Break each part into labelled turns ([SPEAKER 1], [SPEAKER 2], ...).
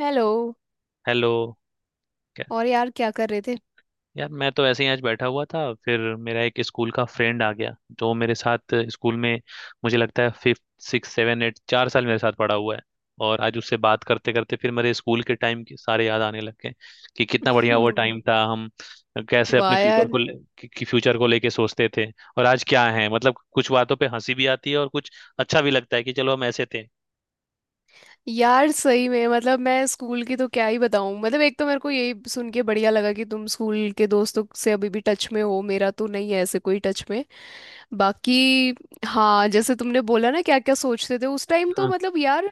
[SPEAKER 1] Hello.
[SPEAKER 2] Hello. क्या?
[SPEAKER 1] और यार क्या कर रहे थे
[SPEAKER 2] यार, मैं तो ऐसे ही आज बैठा हुआ था। फिर मेरा एक स्कूल का फ्रेंड आ गया, जो मेरे साथ स्कूल में, मुझे लगता है, फिफ्थ सिक्स सेवन एट, 4 साल मेरे साथ पढ़ा हुआ है। और आज उससे बात करते करते फिर मेरे स्कूल के टाइम के सारे याद आने लग गए कि कितना बढ़िया वो
[SPEAKER 1] हम्म।
[SPEAKER 2] टाइम था, हम कैसे अपने
[SPEAKER 1] वाह
[SPEAKER 2] फ्यूचर
[SPEAKER 1] यार।
[SPEAKER 2] को कि फ्यूचर को लेके सोचते थे। और आज क्या है, मतलब कुछ बातों पे हंसी भी आती है और कुछ अच्छा भी लगता है कि चलो हम ऐसे थे।
[SPEAKER 1] यार सही में मतलब मैं स्कूल की तो क्या ही बताऊं, मतलब एक तो मेरे को यही सुन के बढ़िया लगा कि तुम स्कूल के दोस्तों से अभी भी टच में हो। मेरा तो नहीं है ऐसे कोई टच में। बाकी हाँ, जैसे तुमने बोला ना क्या क्या सोचते थे उस टाइम, तो मतलब यार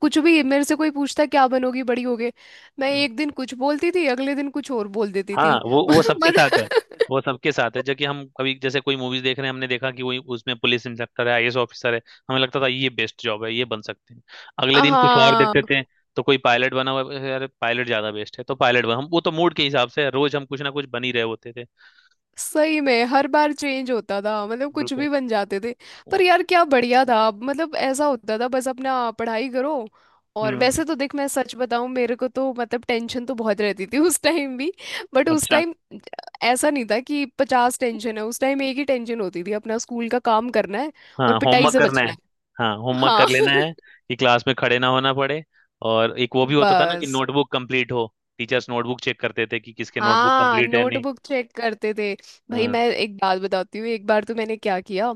[SPEAKER 1] कुछ भी मेरे से कोई पूछता क्या बनोगी बड़ी होगे। मैं
[SPEAKER 2] हाँ,
[SPEAKER 1] एक दिन कुछ बोलती थी अगले दिन कुछ और बोल देती
[SPEAKER 2] हाँ।
[SPEAKER 1] थी।
[SPEAKER 2] वो वो सबके साथ है।
[SPEAKER 1] मतलब
[SPEAKER 2] वो सबके साथ है। जबकि हम कभी, जैसे, कोई मूवीज देख रहे हैं, हमने देखा कि वही उसमें पुलिस इंस्पेक्टर है, आईएएस ऑफिसर है, हमें लगता था ये बेस्ट जॉब है, ये बन सकते हैं। अगले दिन कुछ और देखते
[SPEAKER 1] हाँ,
[SPEAKER 2] थे तो कोई पायलट बना हुआ है, यार पायलट ज्यादा बेस्ट है तो पायलट बना। हम वो तो मूड के हिसाब से है, रोज हम कुछ ना कुछ बन ही रहे होते थे।
[SPEAKER 1] सही में हर बार चेंज होता था, मतलब कुछ
[SPEAKER 2] बिल्कुल।
[SPEAKER 1] भी बन जाते थे। पर यार क्या बढ़िया था, अब मतलब ऐसा होता था बस अपना पढ़ाई करो। और
[SPEAKER 2] हम्म।
[SPEAKER 1] वैसे तो देख मैं सच बताऊं, मेरे को तो मतलब टेंशन तो बहुत रहती थी उस टाइम भी। बट उस
[SPEAKER 2] अच्छा।
[SPEAKER 1] टाइम ऐसा नहीं था कि 50 टेंशन है, उस टाइम एक ही टेंशन होती थी अपना स्कूल का काम करना है और
[SPEAKER 2] हाँ,
[SPEAKER 1] पिटाई
[SPEAKER 2] होमवर्क
[SPEAKER 1] से
[SPEAKER 2] करना है।
[SPEAKER 1] बचना है।
[SPEAKER 2] हाँ, होमवर्क कर
[SPEAKER 1] हाँ
[SPEAKER 2] लेना है कि क्लास में खड़े ना होना पड़े। और एक वो भी होता था ना कि
[SPEAKER 1] बस
[SPEAKER 2] नोटबुक कंप्लीट हो, टीचर्स नोटबुक चेक करते थे कि किसके नोटबुक
[SPEAKER 1] हाँ,
[SPEAKER 2] कंप्लीट है, नहीं।
[SPEAKER 1] नोटबुक चेक करते थे। भाई
[SPEAKER 2] हाँ।
[SPEAKER 1] मैं एक बात बताती हूँ, एक बार तो मैंने क्या किया।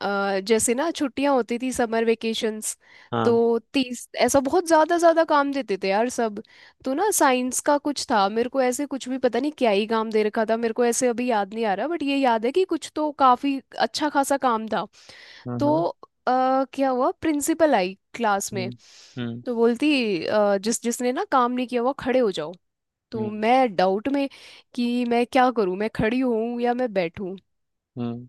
[SPEAKER 1] जैसे ना छुट्टियां होती थी समर वेकेशंस,
[SPEAKER 2] हाँ।
[SPEAKER 1] तो 30 ऐसा बहुत ज्यादा ज्यादा काम देते थे यार सब। तो ना साइंस का कुछ था, मेरे को ऐसे कुछ भी पता नहीं क्या ही काम दे रखा था। मेरे को ऐसे अभी याद नहीं आ रहा बट ये याद है कि कुछ तो काफी अच्छा खासा काम था।
[SPEAKER 2] हम्म।
[SPEAKER 1] तो
[SPEAKER 2] हम्म।
[SPEAKER 1] अ, क्या हुआ, प्रिंसिपल आई क्लास में।
[SPEAKER 2] हम्म। हम्म।
[SPEAKER 1] तो बोलती जिस जिसने ना काम नहीं किया हुआ खड़े हो जाओ। तो
[SPEAKER 2] हम्म।
[SPEAKER 1] मैं डाउट में कि मैं क्या करूं, मैं खड़ी हूं या मैं बैठूं।
[SPEAKER 2] हम्म।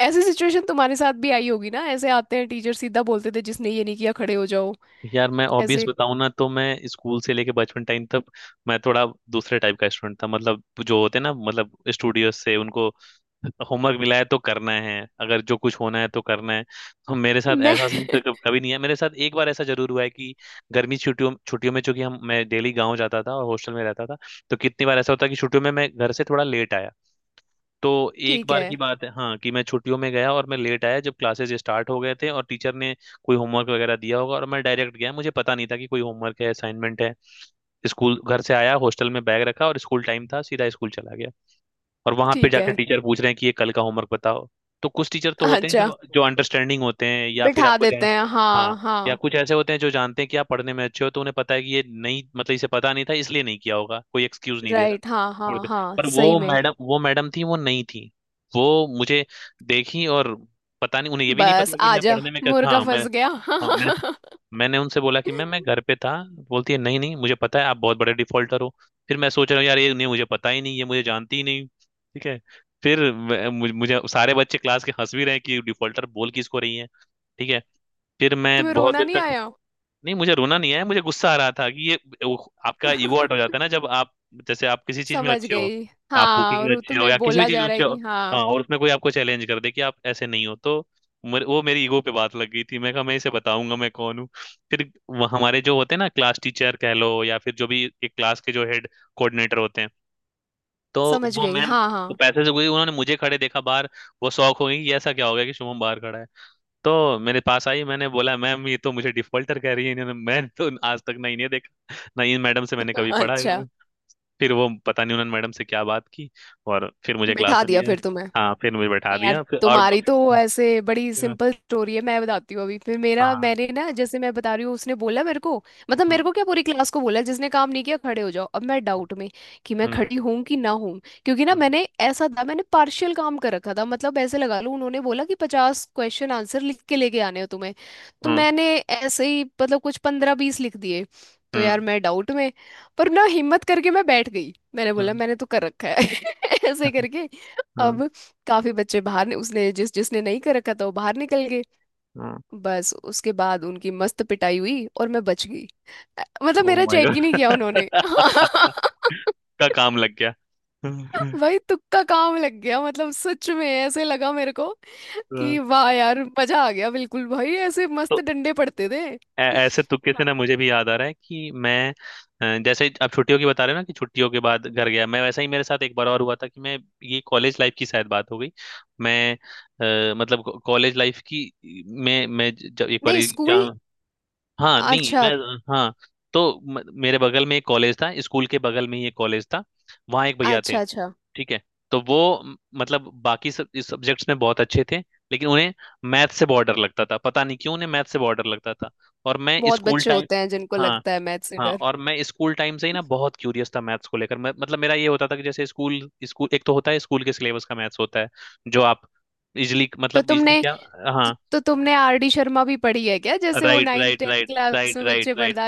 [SPEAKER 1] ऐसी सिचुएशन तुम्हारे साथ भी आई होगी ना, ऐसे आते हैं टीचर सीधा बोलते थे जिसने ये नहीं किया खड़े हो जाओ।
[SPEAKER 2] यार, मैं ऑब्वियस
[SPEAKER 1] ऐसे
[SPEAKER 2] बताऊं ना तो मैं स्कूल से लेके बचपन टाइम तक, मैं थोड़ा दूसरे टाइप का स्टूडेंट था। मतलब जो होते ना, मतलब स्टूडियो से, उनको होमवर्क मिला है तो करना है, अगर जो कुछ होना है तो करना है। तो मेरे साथ
[SPEAKER 1] मैं
[SPEAKER 2] ऐसा सीन तो कभी नहीं है। मेरे साथ एक बार ऐसा जरूर हुआ है कि गर्मी छुट्टियों छुट्टियों में, चूंकि हम मैं डेली गांव जाता था और हॉस्टल में रहता था, तो कितनी बार ऐसा होता कि छुट्टियों में मैं घर से थोड़ा लेट आया तो, एक
[SPEAKER 1] ठीक
[SPEAKER 2] बार
[SPEAKER 1] है।
[SPEAKER 2] की बात है, हाँ, कि मैं छुट्टियों में गया और मैं लेट आया जब क्लासेस स्टार्ट हो गए थे और टीचर ने कोई होमवर्क वगैरह दिया होगा और मैं डायरेक्ट गया, मुझे पता नहीं था कि कोई होमवर्क है, असाइनमेंट है। स्कूल घर से आया, हॉस्टल में बैग रखा और स्कूल टाइम था, सीधा स्कूल चला गया। और वहां पे
[SPEAKER 1] ठीक
[SPEAKER 2] जाकर
[SPEAKER 1] है।
[SPEAKER 2] टीचर पूछ रहे हैं कि ये कल का होमवर्क बताओ। तो कुछ टीचर तो होते हैं
[SPEAKER 1] अच्छा।
[SPEAKER 2] जो जो अंडरस्टैंडिंग होते हैं, या फिर
[SPEAKER 1] बिठा
[SPEAKER 2] आपको
[SPEAKER 1] देते
[SPEAKER 2] जान,
[SPEAKER 1] हैं,
[SPEAKER 2] हाँ,
[SPEAKER 1] हाँ
[SPEAKER 2] या
[SPEAKER 1] हाँ।
[SPEAKER 2] कुछ ऐसे होते हैं जो जानते हैं कि आप पढ़ने में अच्छे हो, तो उन्हें पता है कि ये नहीं, मतलब इसे पता नहीं था इसलिए नहीं किया होगा, कोई एक्सक्यूज नहीं दे रहा,
[SPEAKER 1] राइट, हाँ
[SPEAKER 2] छोड़
[SPEAKER 1] हाँ
[SPEAKER 2] दे।
[SPEAKER 1] हाँ,
[SPEAKER 2] पर
[SPEAKER 1] सही
[SPEAKER 2] वो
[SPEAKER 1] में।
[SPEAKER 2] मैडम, वो मैडम थी, वो नहीं थी। वो मुझे देखी और पता नहीं, उन्हें ये भी नहीं
[SPEAKER 1] बस
[SPEAKER 2] पता कि मैं
[SPEAKER 1] आजा,
[SPEAKER 2] पढ़ने में कैसा,
[SPEAKER 1] मुर्गा
[SPEAKER 2] हाँ, मैं।
[SPEAKER 1] फंस गया
[SPEAKER 2] हाँ, मेरे मैंने उनसे बोला कि मैम मैं घर पे था, बोलती है नहीं नहीं मुझे पता है आप बहुत बड़े डिफॉल्टर हो। फिर मैं सोच रहा हूँ, यार, ये नहीं, मुझे पता ही नहीं, ये मुझे जानती ही नहीं, ठीक है। फिर सारे बच्चे क्लास के हंस भी रहे हैं कि डिफॉल्टर बोल किसको रही है, ठीक है। फिर मैं
[SPEAKER 1] तुम्हें
[SPEAKER 2] बहुत
[SPEAKER 1] रोना
[SPEAKER 2] देर
[SPEAKER 1] नहीं
[SPEAKER 2] तक,
[SPEAKER 1] आया?
[SPEAKER 2] नहीं, मुझे रोना नहीं है, मुझे गुस्सा आ रहा था कि ये, वो, आपका ईगो आउट हो जाता है ना जब आप, जैसे, आप किसी चीज में
[SPEAKER 1] समझ
[SPEAKER 2] अच्छे हो,
[SPEAKER 1] गई,
[SPEAKER 2] आप
[SPEAKER 1] हाँ,
[SPEAKER 2] कुकिंग
[SPEAKER 1] और
[SPEAKER 2] में
[SPEAKER 1] वो
[SPEAKER 2] अच्छे हो या
[SPEAKER 1] तुम्हें
[SPEAKER 2] किसी भी
[SPEAKER 1] बोला
[SPEAKER 2] चीज
[SPEAKER 1] जा
[SPEAKER 2] में
[SPEAKER 1] रहा
[SPEAKER 2] अच्छे
[SPEAKER 1] है
[SPEAKER 2] हो।
[SPEAKER 1] कि
[SPEAKER 2] हाँ
[SPEAKER 1] हाँ।
[SPEAKER 2] और उसमें कोई आपको चैलेंज कर दे कि आप ऐसे नहीं हो तो वो मेरी ईगो पे बात लग गई थी, मैं कहा मैं इसे बताऊंगा मैं कौन हूँ। फिर वो हमारे जो होते हैं ना, क्लास टीचर कह लो या फिर जो भी एक क्लास के जो हेड कोऑर्डिनेटर होते हैं, तो
[SPEAKER 1] समझ
[SPEAKER 2] वो
[SPEAKER 1] गई,
[SPEAKER 2] मैम
[SPEAKER 1] हाँ
[SPEAKER 2] को
[SPEAKER 1] हाँ।
[SPEAKER 2] पैसे से गई, उन्होंने मुझे खड़े देखा बाहर। वो शौक हो गई कि ऐसा क्या हो गया कि शुभम बाहर खड़ा है। तो मेरे पास आई, मैंने बोला मैम ये तो मुझे डिफॉल्टर कह रही है, इन्होंने, मैं तो आज तक नहीं नहीं देखा ना, इन मैडम से मैंने कभी पढ़ा है।
[SPEAKER 1] अच्छा,
[SPEAKER 2] फिर वो, पता नहीं उन्होंने मैडम से क्या बात की, और फिर मुझे क्लास
[SPEAKER 1] बिठा
[SPEAKER 2] में
[SPEAKER 1] दिया
[SPEAKER 2] दिया।
[SPEAKER 1] फिर तुम्हें।
[SPEAKER 2] हाँ, फिर मुझे बैठा
[SPEAKER 1] यार
[SPEAKER 2] दिया
[SPEAKER 1] तुम्हारी तो ऐसे बड़ी
[SPEAKER 2] हाँ।
[SPEAKER 1] सिंपल स्टोरी है, मैं बताती हूँ अभी फिर मेरा।
[SPEAKER 2] हाँ।
[SPEAKER 1] मैंने ना जैसे मैं बता रही हूँ उसने बोला मेरे को, मतलब मेरे
[SPEAKER 2] हम्म।
[SPEAKER 1] को क्या पूरी क्लास को बोला जिसने काम नहीं किया खड़े हो जाओ। अब मैं डाउट में कि मैं
[SPEAKER 2] हम्म।
[SPEAKER 1] खड़ी हूँ कि ना हूँ, क्योंकि ना
[SPEAKER 2] हम्म।
[SPEAKER 1] मैंने ऐसा था मैंने पार्शियल काम कर रखा था। मतलब ऐसे लगा लो उन्होंने बोला कि 50 क्वेश्चन आंसर लिख के लेके आने हो तुम्हें। तो
[SPEAKER 2] हम्म।
[SPEAKER 1] मैंने ऐसे ही मतलब कुछ 15 20 लिख दिए। तो यार
[SPEAKER 2] हम्म।
[SPEAKER 1] मैं डाउट में, पर ना हिम्मत करके मैं बैठ गई, मैंने बोला
[SPEAKER 2] हम्म।
[SPEAKER 1] मैंने तो कर रखा है। ऐसे करके। अब काफी बच्चे बाहर उसने जिस जिसने नहीं कर रखा था वो बाहर निकल गए।
[SPEAKER 2] हम्म।
[SPEAKER 1] बस उसके बाद उनकी मस्त पिटाई हुई और मैं बच गई। मतलब
[SPEAKER 2] ओ
[SPEAKER 1] मेरा
[SPEAKER 2] माय
[SPEAKER 1] चेक ही नहीं किया उन्होंने
[SPEAKER 2] गॉड! का काम लग गया। हम्म।
[SPEAKER 1] भाई तुक्का काम लग गया, मतलब सच में ऐसे लगा मेरे को
[SPEAKER 2] हम्म।
[SPEAKER 1] कि वाह यार मजा आ गया। बिल्कुल भाई ऐसे
[SPEAKER 2] तो
[SPEAKER 1] मस्त डंडे पड़ते थे।
[SPEAKER 2] ऐसे तुक्के से
[SPEAKER 1] हाँ।
[SPEAKER 2] ना मुझे भी याद आ रहा है कि मैं, जैसे आप छुट्टियों की बता रहे हो ना कि छुट्टियों के बाद घर गया, मैं वैसा ही मेरे साथ एक बार और हुआ था कि मैं, ये कॉलेज लाइफ की शायद बात हो गई। मैं, मतलब कॉलेज लाइफ की। जब एक बार
[SPEAKER 1] नहीं स्कूल।
[SPEAKER 2] एग्जाम, हाँ, नहीं, मैं,
[SPEAKER 1] अच्छा
[SPEAKER 2] हाँ। तो मेरे बगल में एक कॉलेज था, स्कूल के बगल में ही एक कॉलेज था, वहाँ एक भैया थे,
[SPEAKER 1] अच्छा। अच्छा।
[SPEAKER 2] ठीक है। तो वो, मतलब बाकी सब इस सब्जेक्ट्स में बहुत अच्छे थे, लेकिन उन्हें मैथ से बहुत डर लगता था, पता नहीं क्यों उन्हें मैथ से बहुत डर लगता था। और मैं
[SPEAKER 1] बहुत
[SPEAKER 2] स्कूल
[SPEAKER 1] बच्चे
[SPEAKER 2] टाइम,
[SPEAKER 1] होते हैं जिनको
[SPEAKER 2] हाँ।
[SPEAKER 1] लगता है मैथ से
[SPEAKER 2] हाँ।
[SPEAKER 1] डर।
[SPEAKER 2] और मैं स्कूल टाइम से ही ना बहुत क्यूरियस था मैथ्स को लेकर। मैं, मतलब मेरा ये होता था कि जैसे स्कूल, स्कूल एक तो होता है स्कूल के सिलेबस का मैथ्स होता है, जो आप इजली,
[SPEAKER 1] तो
[SPEAKER 2] मतलब इजली
[SPEAKER 1] तुमने,
[SPEAKER 2] क्या,
[SPEAKER 1] तो,
[SPEAKER 2] हाँ,
[SPEAKER 1] तो तुमने आर डी शर्मा भी पढ़ी है क्या, जैसे वो
[SPEAKER 2] right,
[SPEAKER 1] ninth
[SPEAKER 2] right,
[SPEAKER 1] 10th
[SPEAKER 2] right,
[SPEAKER 1] class
[SPEAKER 2] right,
[SPEAKER 1] में
[SPEAKER 2] राइट,
[SPEAKER 1] बच्चे
[SPEAKER 2] राइट।
[SPEAKER 1] पढ़ता?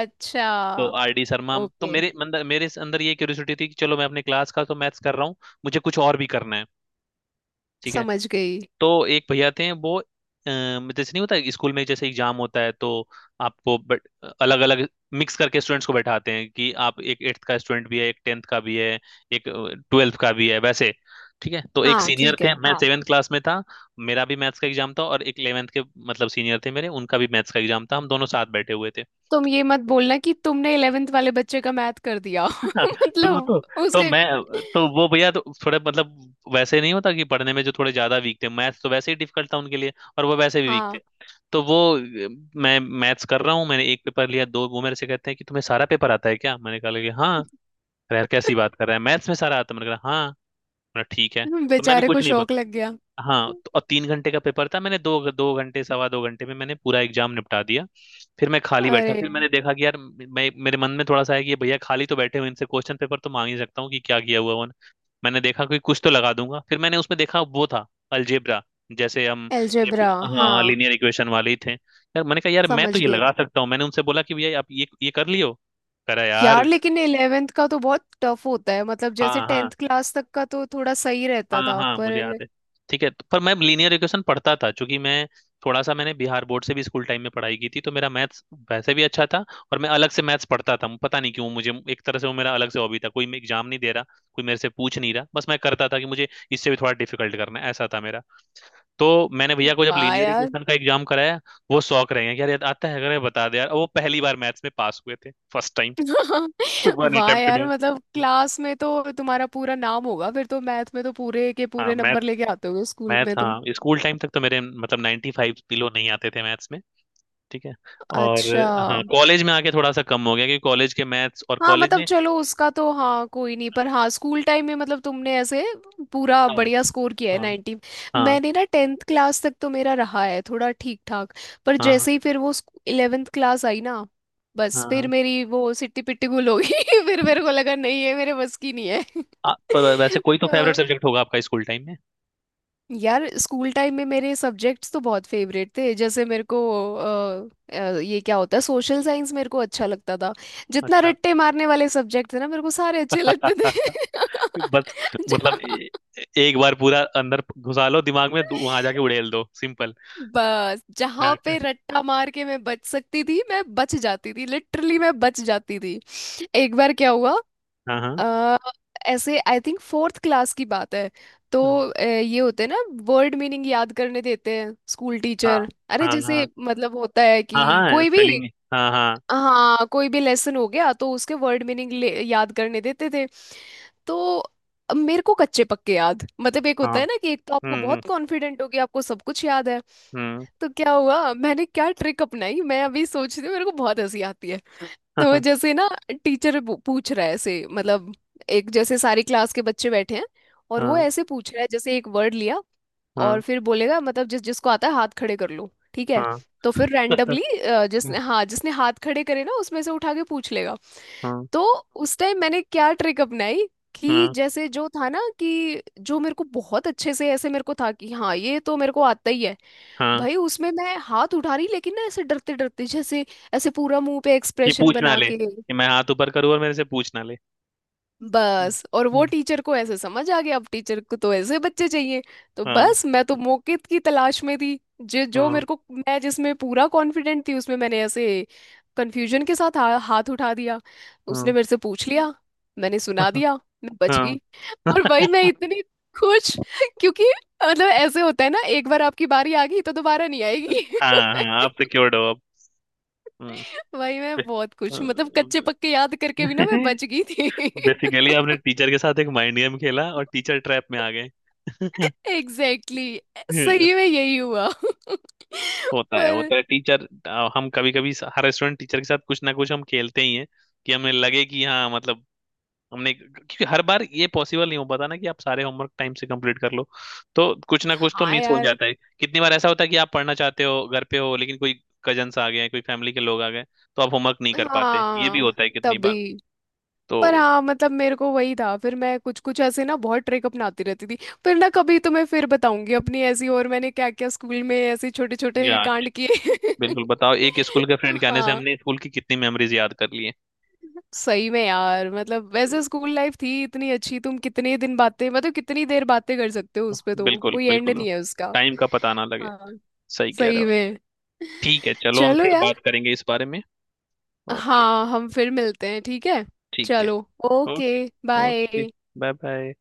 [SPEAKER 2] तो
[SPEAKER 1] अच्छा।
[SPEAKER 2] आर डी शर्मा, तो
[SPEAKER 1] ओके,
[SPEAKER 2] मेरे अंदर, मेरे अंदर ये क्यूरियोसिटी थी कि चलो मैं अपने क्लास का तो मैथ्स कर रहा हूँ, मुझे कुछ और भी करना है। ठीक है।
[SPEAKER 1] समझ गई।
[SPEAKER 2] तो एक भैया थे, वो, जैसे नहीं होता स्कूल में, जैसे एग्जाम होता है तो आपको अलग अलग मिक्स करके स्टूडेंट्स को बैठाते हैं कि आप एक एट्थ का स्टूडेंट भी है, एक टेंथ का भी है, एक ट्वेल्थ का भी है, वैसे। ठीक है। तो एक
[SPEAKER 1] हाँ
[SPEAKER 2] सीनियर
[SPEAKER 1] ठीक है,
[SPEAKER 2] थे, मैं
[SPEAKER 1] हाँ।
[SPEAKER 2] सेवेंथ क्लास में था, मेरा भी मैथ्स का एग्जाम था और एक इलेवेंथ के, मतलब सीनियर थे मेरे, उनका भी मैथ्स का एग्जाम था, हम दोनों साथ बैठे हुए थे।
[SPEAKER 1] तुम ये मत बोलना कि तुमने 11th वाले बच्चे का मैथ कर दिया
[SPEAKER 2] हाँ, सुनो तो
[SPEAKER 1] मतलब
[SPEAKER 2] तो
[SPEAKER 1] उसके।
[SPEAKER 2] मैं, तो वो भैया तो थोड़े, मतलब वैसे नहीं होता कि पढ़ने में जो थोड़े ज्यादा वीक थे, मैथ्स तो वैसे ही डिफिकल्ट था उनके लिए और वो वैसे भी वीक थे।
[SPEAKER 1] हाँ
[SPEAKER 2] तो वो, मैं मैथ्स कर रहा हूँ, मैंने एक पेपर लिया, दो वो मेरे से कहते हैं कि तुम्हें सारा पेपर आता है क्या, मैंने कहा कि हाँ, यार कैसी बात कर रहा है मैथ्स में सारा आता है, मैंने कहा हाँ, मैंने कहा, ठीक है। तो मैंने
[SPEAKER 1] बेचारे को
[SPEAKER 2] कुछ नहीं,
[SPEAKER 1] शौक लग गया।
[SPEAKER 2] हाँ, तो, और 3 घंटे का पेपर था, मैंने दो दो घंटे, सवा दो घंटे में मैंने पूरा एग्जाम निपटा दिया। फिर मैं खाली बैठा,
[SPEAKER 1] अरे
[SPEAKER 2] फिर मैंने देखा कि यार, मैं, मेरे मन में थोड़ा सा है कि ये भैया खाली तो बैठे हुए, इनसे क्वेश्चन पेपर तो मांग ही सकता हूँ कि क्या किया हुआ उन्होंने, मैंने देखा कि कुछ तो लगा दूंगा। फिर मैंने उसमें देखा वो था अलजेब्रा, जैसे हम, एक-
[SPEAKER 1] एल्जेब्रा। हाँ
[SPEAKER 2] हाँ, लीनियर इक्वेशन वाले ही थे यार, मैंने कहा यार मैं तो
[SPEAKER 1] समझ
[SPEAKER 2] ये
[SPEAKER 1] गए।
[SPEAKER 2] लगा सकता हूँ, मैंने उनसे बोला कि भैया आप ये कर लियो, करा
[SPEAKER 1] यार
[SPEAKER 2] यार।
[SPEAKER 1] लेकिन 11th का तो बहुत टफ होता है, मतलब जैसे
[SPEAKER 2] हाँ।
[SPEAKER 1] 10th
[SPEAKER 2] हाँ।
[SPEAKER 1] क्लास तक का तो थोड़ा सही रहता
[SPEAKER 2] हाँ।
[SPEAKER 1] था,
[SPEAKER 2] हाँ। मुझे
[SPEAKER 1] पर।
[SPEAKER 2] याद है। ठीक है। पर मैं लीनियर इक्वेशन पढ़ता था क्योंकि मैं, थोड़ा सा मैंने बिहार बोर्ड से भी स्कूल टाइम में पढ़ाई की थी, तो मेरा मैथ्स वैसे भी अच्छा था और मैं अलग से मैथ्स पढ़ता था। पता नहीं क्यों, मुझे एक तरह से वो मेरा अलग से हॉबी था, कोई मैं एग्जाम नहीं दे रहा, कोई मेरे से पूछ नहीं रहा, बस मैं करता था कि मुझे इससे भी थोड़ा डिफिकल्ट करना है, ऐसा था मेरा। तो मैंने भैया को जब
[SPEAKER 1] वाह
[SPEAKER 2] लीनियर
[SPEAKER 1] यार।
[SPEAKER 2] इक्वेशन का एग्जाम कराया, वो शौक रहे हैं कि यार, यार आता है, अगर मैं बता दे यार, और वो पहली बार मैथ्स में पास हुए थे, फर्स्ट टाइम, वन
[SPEAKER 1] वाह
[SPEAKER 2] अटेम्प्ट
[SPEAKER 1] यार
[SPEAKER 2] में।
[SPEAKER 1] मतलब क्लास में तो तुम्हारा पूरा नाम होगा, फिर तो मैथ में तो पूरे के
[SPEAKER 2] हाँ।
[SPEAKER 1] पूरे
[SPEAKER 2] मैं,
[SPEAKER 1] नंबर लेके आते होगे स्कूल
[SPEAKER 2] मैथ,
[SPEAKER 1] में तुम।
[SPEAKER 2] हाँ, स्कूल टाइम तक तो मेरे, मतलब 95 बिलो नहीं आते थे मैथ्स में। ठीक है। और,
[SPEAKER 1] अच्छा,
[SPEAKER 2] हाँ, कॉलेज में आके थोड़ा सा कम हो गया क्योंकि कॉलेज के मैथ्स और
[SPEAKER 1] हाँ
[SPEAKER 2] कॉलेज
[SPEAKER 1] मतलब
[SPEAKER 2] में,
[SPEAKER 1] चलो उसका तो हाँ कोई नहीं, पर हाँ स्कूल टाइम में मतलब तुमने ऐसे पूरा
[SPEAKER 2] हाँ।
[SPEAKER 1] बढ़िया स्कोर किया है
[SPEAKER 2] हाँ।
[SPEAKER 1] 90।
[SPEAKER 2] हाँ।
[SPEAKER 1] मैंने ना 10th क्लास तक तो मेरा रहा है थोड़ा ठीक ठाक, पर
[SPEAKER 2] हाँ।
[SPEAKER 1] जैसे ही फिर वो 11th क्लास आई ना, बस
[SPEAKER 2] हाँ।
[SPEAKER 1] फिर
[SPEAKER 2] हाँ।
[SPEAKER 1] मेरी वो सिट्टी पिट्टी गुल हो गई। फिर मेरे को लगा नहीं है, मेरे बस की नहीं है।
[SPEAKER 2] पर वैसे कोई तो फेवरेट
[SPEAKER 1] तो
[SPEAKER 2] सब्जेक्ट होगा आपका स्कूल टाइम में?
[SPEAKER 1] यार स्कूल टाइम में मेरे सब्जेक्ट्स तो बहुत फेवरेट थे, जैसे मेरे को ये क्या होता है सोशल साइंस, मेरे को अच्छा लगता था। जितना
[SPEAKER 2] अच्छा।
[SPEAKER 1] रट्टे मारने वाले सब्जेक्ट थे ना मेरे को सारे अच्छे लगते थे।
[SPEAKER 2] बस, मतलब,
[SPEAKER 1] जहाँ।
[SPEAKER 2] एक बार पूरा अंदर घुसा लो दिमाग में, वहां जाके उड़ेल दो, सिंपल।
[SPEAKER 1] बस जहाँ
[SPEAKER 2] हाँ।
[SPEAKER 1] पे रट्टा मार के मैं बच सकती थी मैं बच जाती थी, लिटरली मैं बच जाती थी। एक बार क्या हुआ।
[SPEAKER 2] हाँ। हाँ।
[SPEAKER 1] अ, ऐसे आई थिंक फोर्थ क्लास की बात है। तो
[SPEAKER 2] हाँ।
[SPEAKER 1] ये होते हैं ना, वर्ड मीनिंग याद करने देते हैं स्कूल
[SPEAKER 2] हाँ।
[SPEAKER 1] टीचर, अरे जैसे
[SPEAKER 2] हाँ।
[SPEAKER 1] मतलब होता है
[SPEAKER 2] हाँ।
[SPEAKER 1] कि
[SPEAKER 2] हाँ,
[SPEAKER 1] कोई भी।
[SPEAKER 2] स्पेलिंग। हाँ। हाँ।
[SPEAKER 1] हाँ, कोई भी लेसन हो गया तो उसके वर्ड मीनिंग याद करने देते थे। तो अब मेरे को कच्चे पक्के याद, मतलब एक
[SPEAKER 2] हाँ।
[SPEAKER 1] होता है ना कि एक तो आपको
[SPEAKER 2] हम्म। हम्म।
[SPEAKER 1] बहुत कॉन्फिडेंट हो गया आपको सब कुछ याद है।
[SPEAKER 2] हम्म।
[SPEAKER 1] तो क्या हुआ मैंने क्या ट्रिक अपनाई, मैं अभी सोचती हूँ मेरे को बहुत हंसी आती है। तो
[SPEAKER 2] हाँ।
[SPEAKER 1] जैसे ना टीचर पूछ रहा है ऐसे, मतलब एक जैसे सारी क्लास के बच्चे बैठे हैं और वो
[SPEAKER 2] हाँ।
[SPEAKER 1] ऐसे पूछ रहा है जैसे एक वर्ड लिया।
[SPEAKER 2] हाँ।
[SPEAKER 1] और फिर बोलेगा मतलब जिस जिसको आता है हाथ खड़े कर लो ठीक है।
[SPEAKER 2] हाँ।
[SPEAKER 1] तो फिर रैंडमली, जिसने
[SPEAKER 2] हाँ।
[SPEAKER 1] हाँ जिसने हाथ खड़े करे ना उसमें से उठा के पूछ लेगा। तो उस टाइम मैंने क्या ट्रिक अपनाई, कि
[SPEAKER 2] हाँ।
[SPEAKER 1] जैसे जो था ना कि जो मेरे को बहुत अच्छे से ऐसे, मेरे को था कि हाँ ये तो मेरे को आता ही है।
[SPEAKER 2] हाँ,
[SPEAKER 1] भाई उसमें मैं हाथ उठा रही लेकिन ना ऐसे डरते डरते, जैसे ऐसे पूरा मुंह पे
[SPEAKER 2] कि
[SPEAKER 1] एक्सप्रेशन
[SPEAKER 2] पूछ ना
[SPEAKER 1] बना
[SPEAKER 2] ले
[SPEAKER 1] के।
[SPEAKER 2] कि मैं हाथ ऊपर करूँ और मेरे से पूछ ना ले।
[SPEAKER 1] बस, और वो
[SPEAKER 2] हम्म।
[SPEAKER 1] टीचर को ऐसे समझ आ गया, अब टीचर को तो ऐसे बच्चे चाहिए। तो
[SPEAKER 2] हाँ।
[SPEAKER 1] बस मैं तो मौके की तलाश में थी। जो जो
[SPEAKER 2] हाँ।
[SPEAKER 1] मेरे को मैं जिसमें पूरा कॉन्फिडेंट थी उसमें मैंने ऐसे कंफ्यूजन के साथ हाथ उठा दिया। उसने
[SPEAKER 2] हाँ।
[SPEAKER 1] मेरे से पूछ लिया, मैंने सुना दिया, मैं बच
[SPEAKER 2] हाँ।
[SPEAKER 1] गई। और भाई मैं इतनी खुश क्योंकि मतलब ऐसे होता है ना एक बार आपकी बारी आ गई तो दोबारा नहीं आएगी।
[SPEAKER 2] हाँ। हाँ, आप सिक्योर्ड हो अब।
[SPEAKER 1] वही मैं बहुत कुछ मतलब कच्चे पक्के याद करके भी ना मैं बच गई थी।
[SPEAKER 2] बेसिकली, आपने टीचर के साथ एक माइंड गेम खेला और टीचर ट्रैप में आ गए।
[SPEAKER 1] Exactly exactly। सही में यही हुआ।
[SPEAKER 2] होता है,
[SPEAKER 1] पर
[SPEAKER 2] होता है टीचर। हम कभी कभी, हर स्टूडेंट टीचर के साथ कुछ ना कुछ हम खेलते ही हैं कि हमें लगे कि, हाँ, मतलब हमने, क्योंकि हर बार ये पॉसिबल नहीं हो पाता ना कि आप सारे होमवर्क टाइम से कंप्लीट कर लो, तो कुछ ना कुछ तो
[SPEAKER 1] हाँ
[SPEAKER 2] मिस हो
[SPEAKER 1] यार,
[SPEAKER 2] जाता है। कितनी बार ऐसा होता है कि आप पढ़ना चाहते हो, घर पे हो लेकिन कोई कजन्स आ गए, कोई फैमिली के लोग आ गए, तो आप होमवर्क नहीं कर पाते, ये भी
[SPEAKER 1] हाँ
[SPEAKER 2] होता है कितनी
[SPEAKER 1] तभी।
[SPEAKER 2] बार।
[SPEAKER 1] पर
[SPEAKER 2] तो,
[SPEAKER 1] हाँ मतलब मेरे को वही था, फिर मैं कुछ कुछ ऐसे ना बहुत ट्रिक अपनाती रहती थी। पर ना कभी तो मैं फिर बताऊंगी अपनी ऐसी, और मैंने क्या क्या स्कूल में ऐसे छोटे छोटे
[SPEAKER 2] या,
[SPEAKER 1] कांड किए।
[SPEAKER 2] बिल्कुल, बताओ, एक स्कूल के फ्रेंड के आने से
[SPEAKER 1] हाँ,
[SPEAKER 2] हमने स्कूल की कितनी मेमोरीज याद कर ली है।
[SPEAKER 1] सही में यार मतलब वैसे स्कूल लाइफ थी इतनी अच्छी। तुम कितने दिन बातें, मतलब कितनी देर बातें कर सकते हो
[SPEAKER 2] तो,
[SPEAKER 1] उस पे तो
[SPEAKER 2] बिल्कुल,
[SPEAKER 1] कोई एंड
[SPEAKER 2] बिल्कुल।
[SPEAKER 1] नहीं है उसका।
[SPEAKER 2] टाइम का पता ना लगे।
[SPEAKER 1] हाँ,
[SPEAKER 2] सही कह रहे
[SPEAKER 1] सही
[SPEAKER 2] हो।
[SPEAKER 1] में।
[SPEAKER 2] ठीक है, चलो हम
[SPEAKER 1] चलो
[SPEAKER 2] फिर
[SPEAKER 1] यार।
[SPEAKER 2] बात करेंगे इस बारे में। ओके।
[SPEAKER 1] हाँ, हम फिर मिलते हैं ठीक है।
[SPEAKER 2] ठीक है।
[SPEAKER 1] चलो। Okay.
[SPEAKER 2] Okay. Okay.
[SPEAKER 1] Bye.
[SPEAKER 2] Bye. Bye.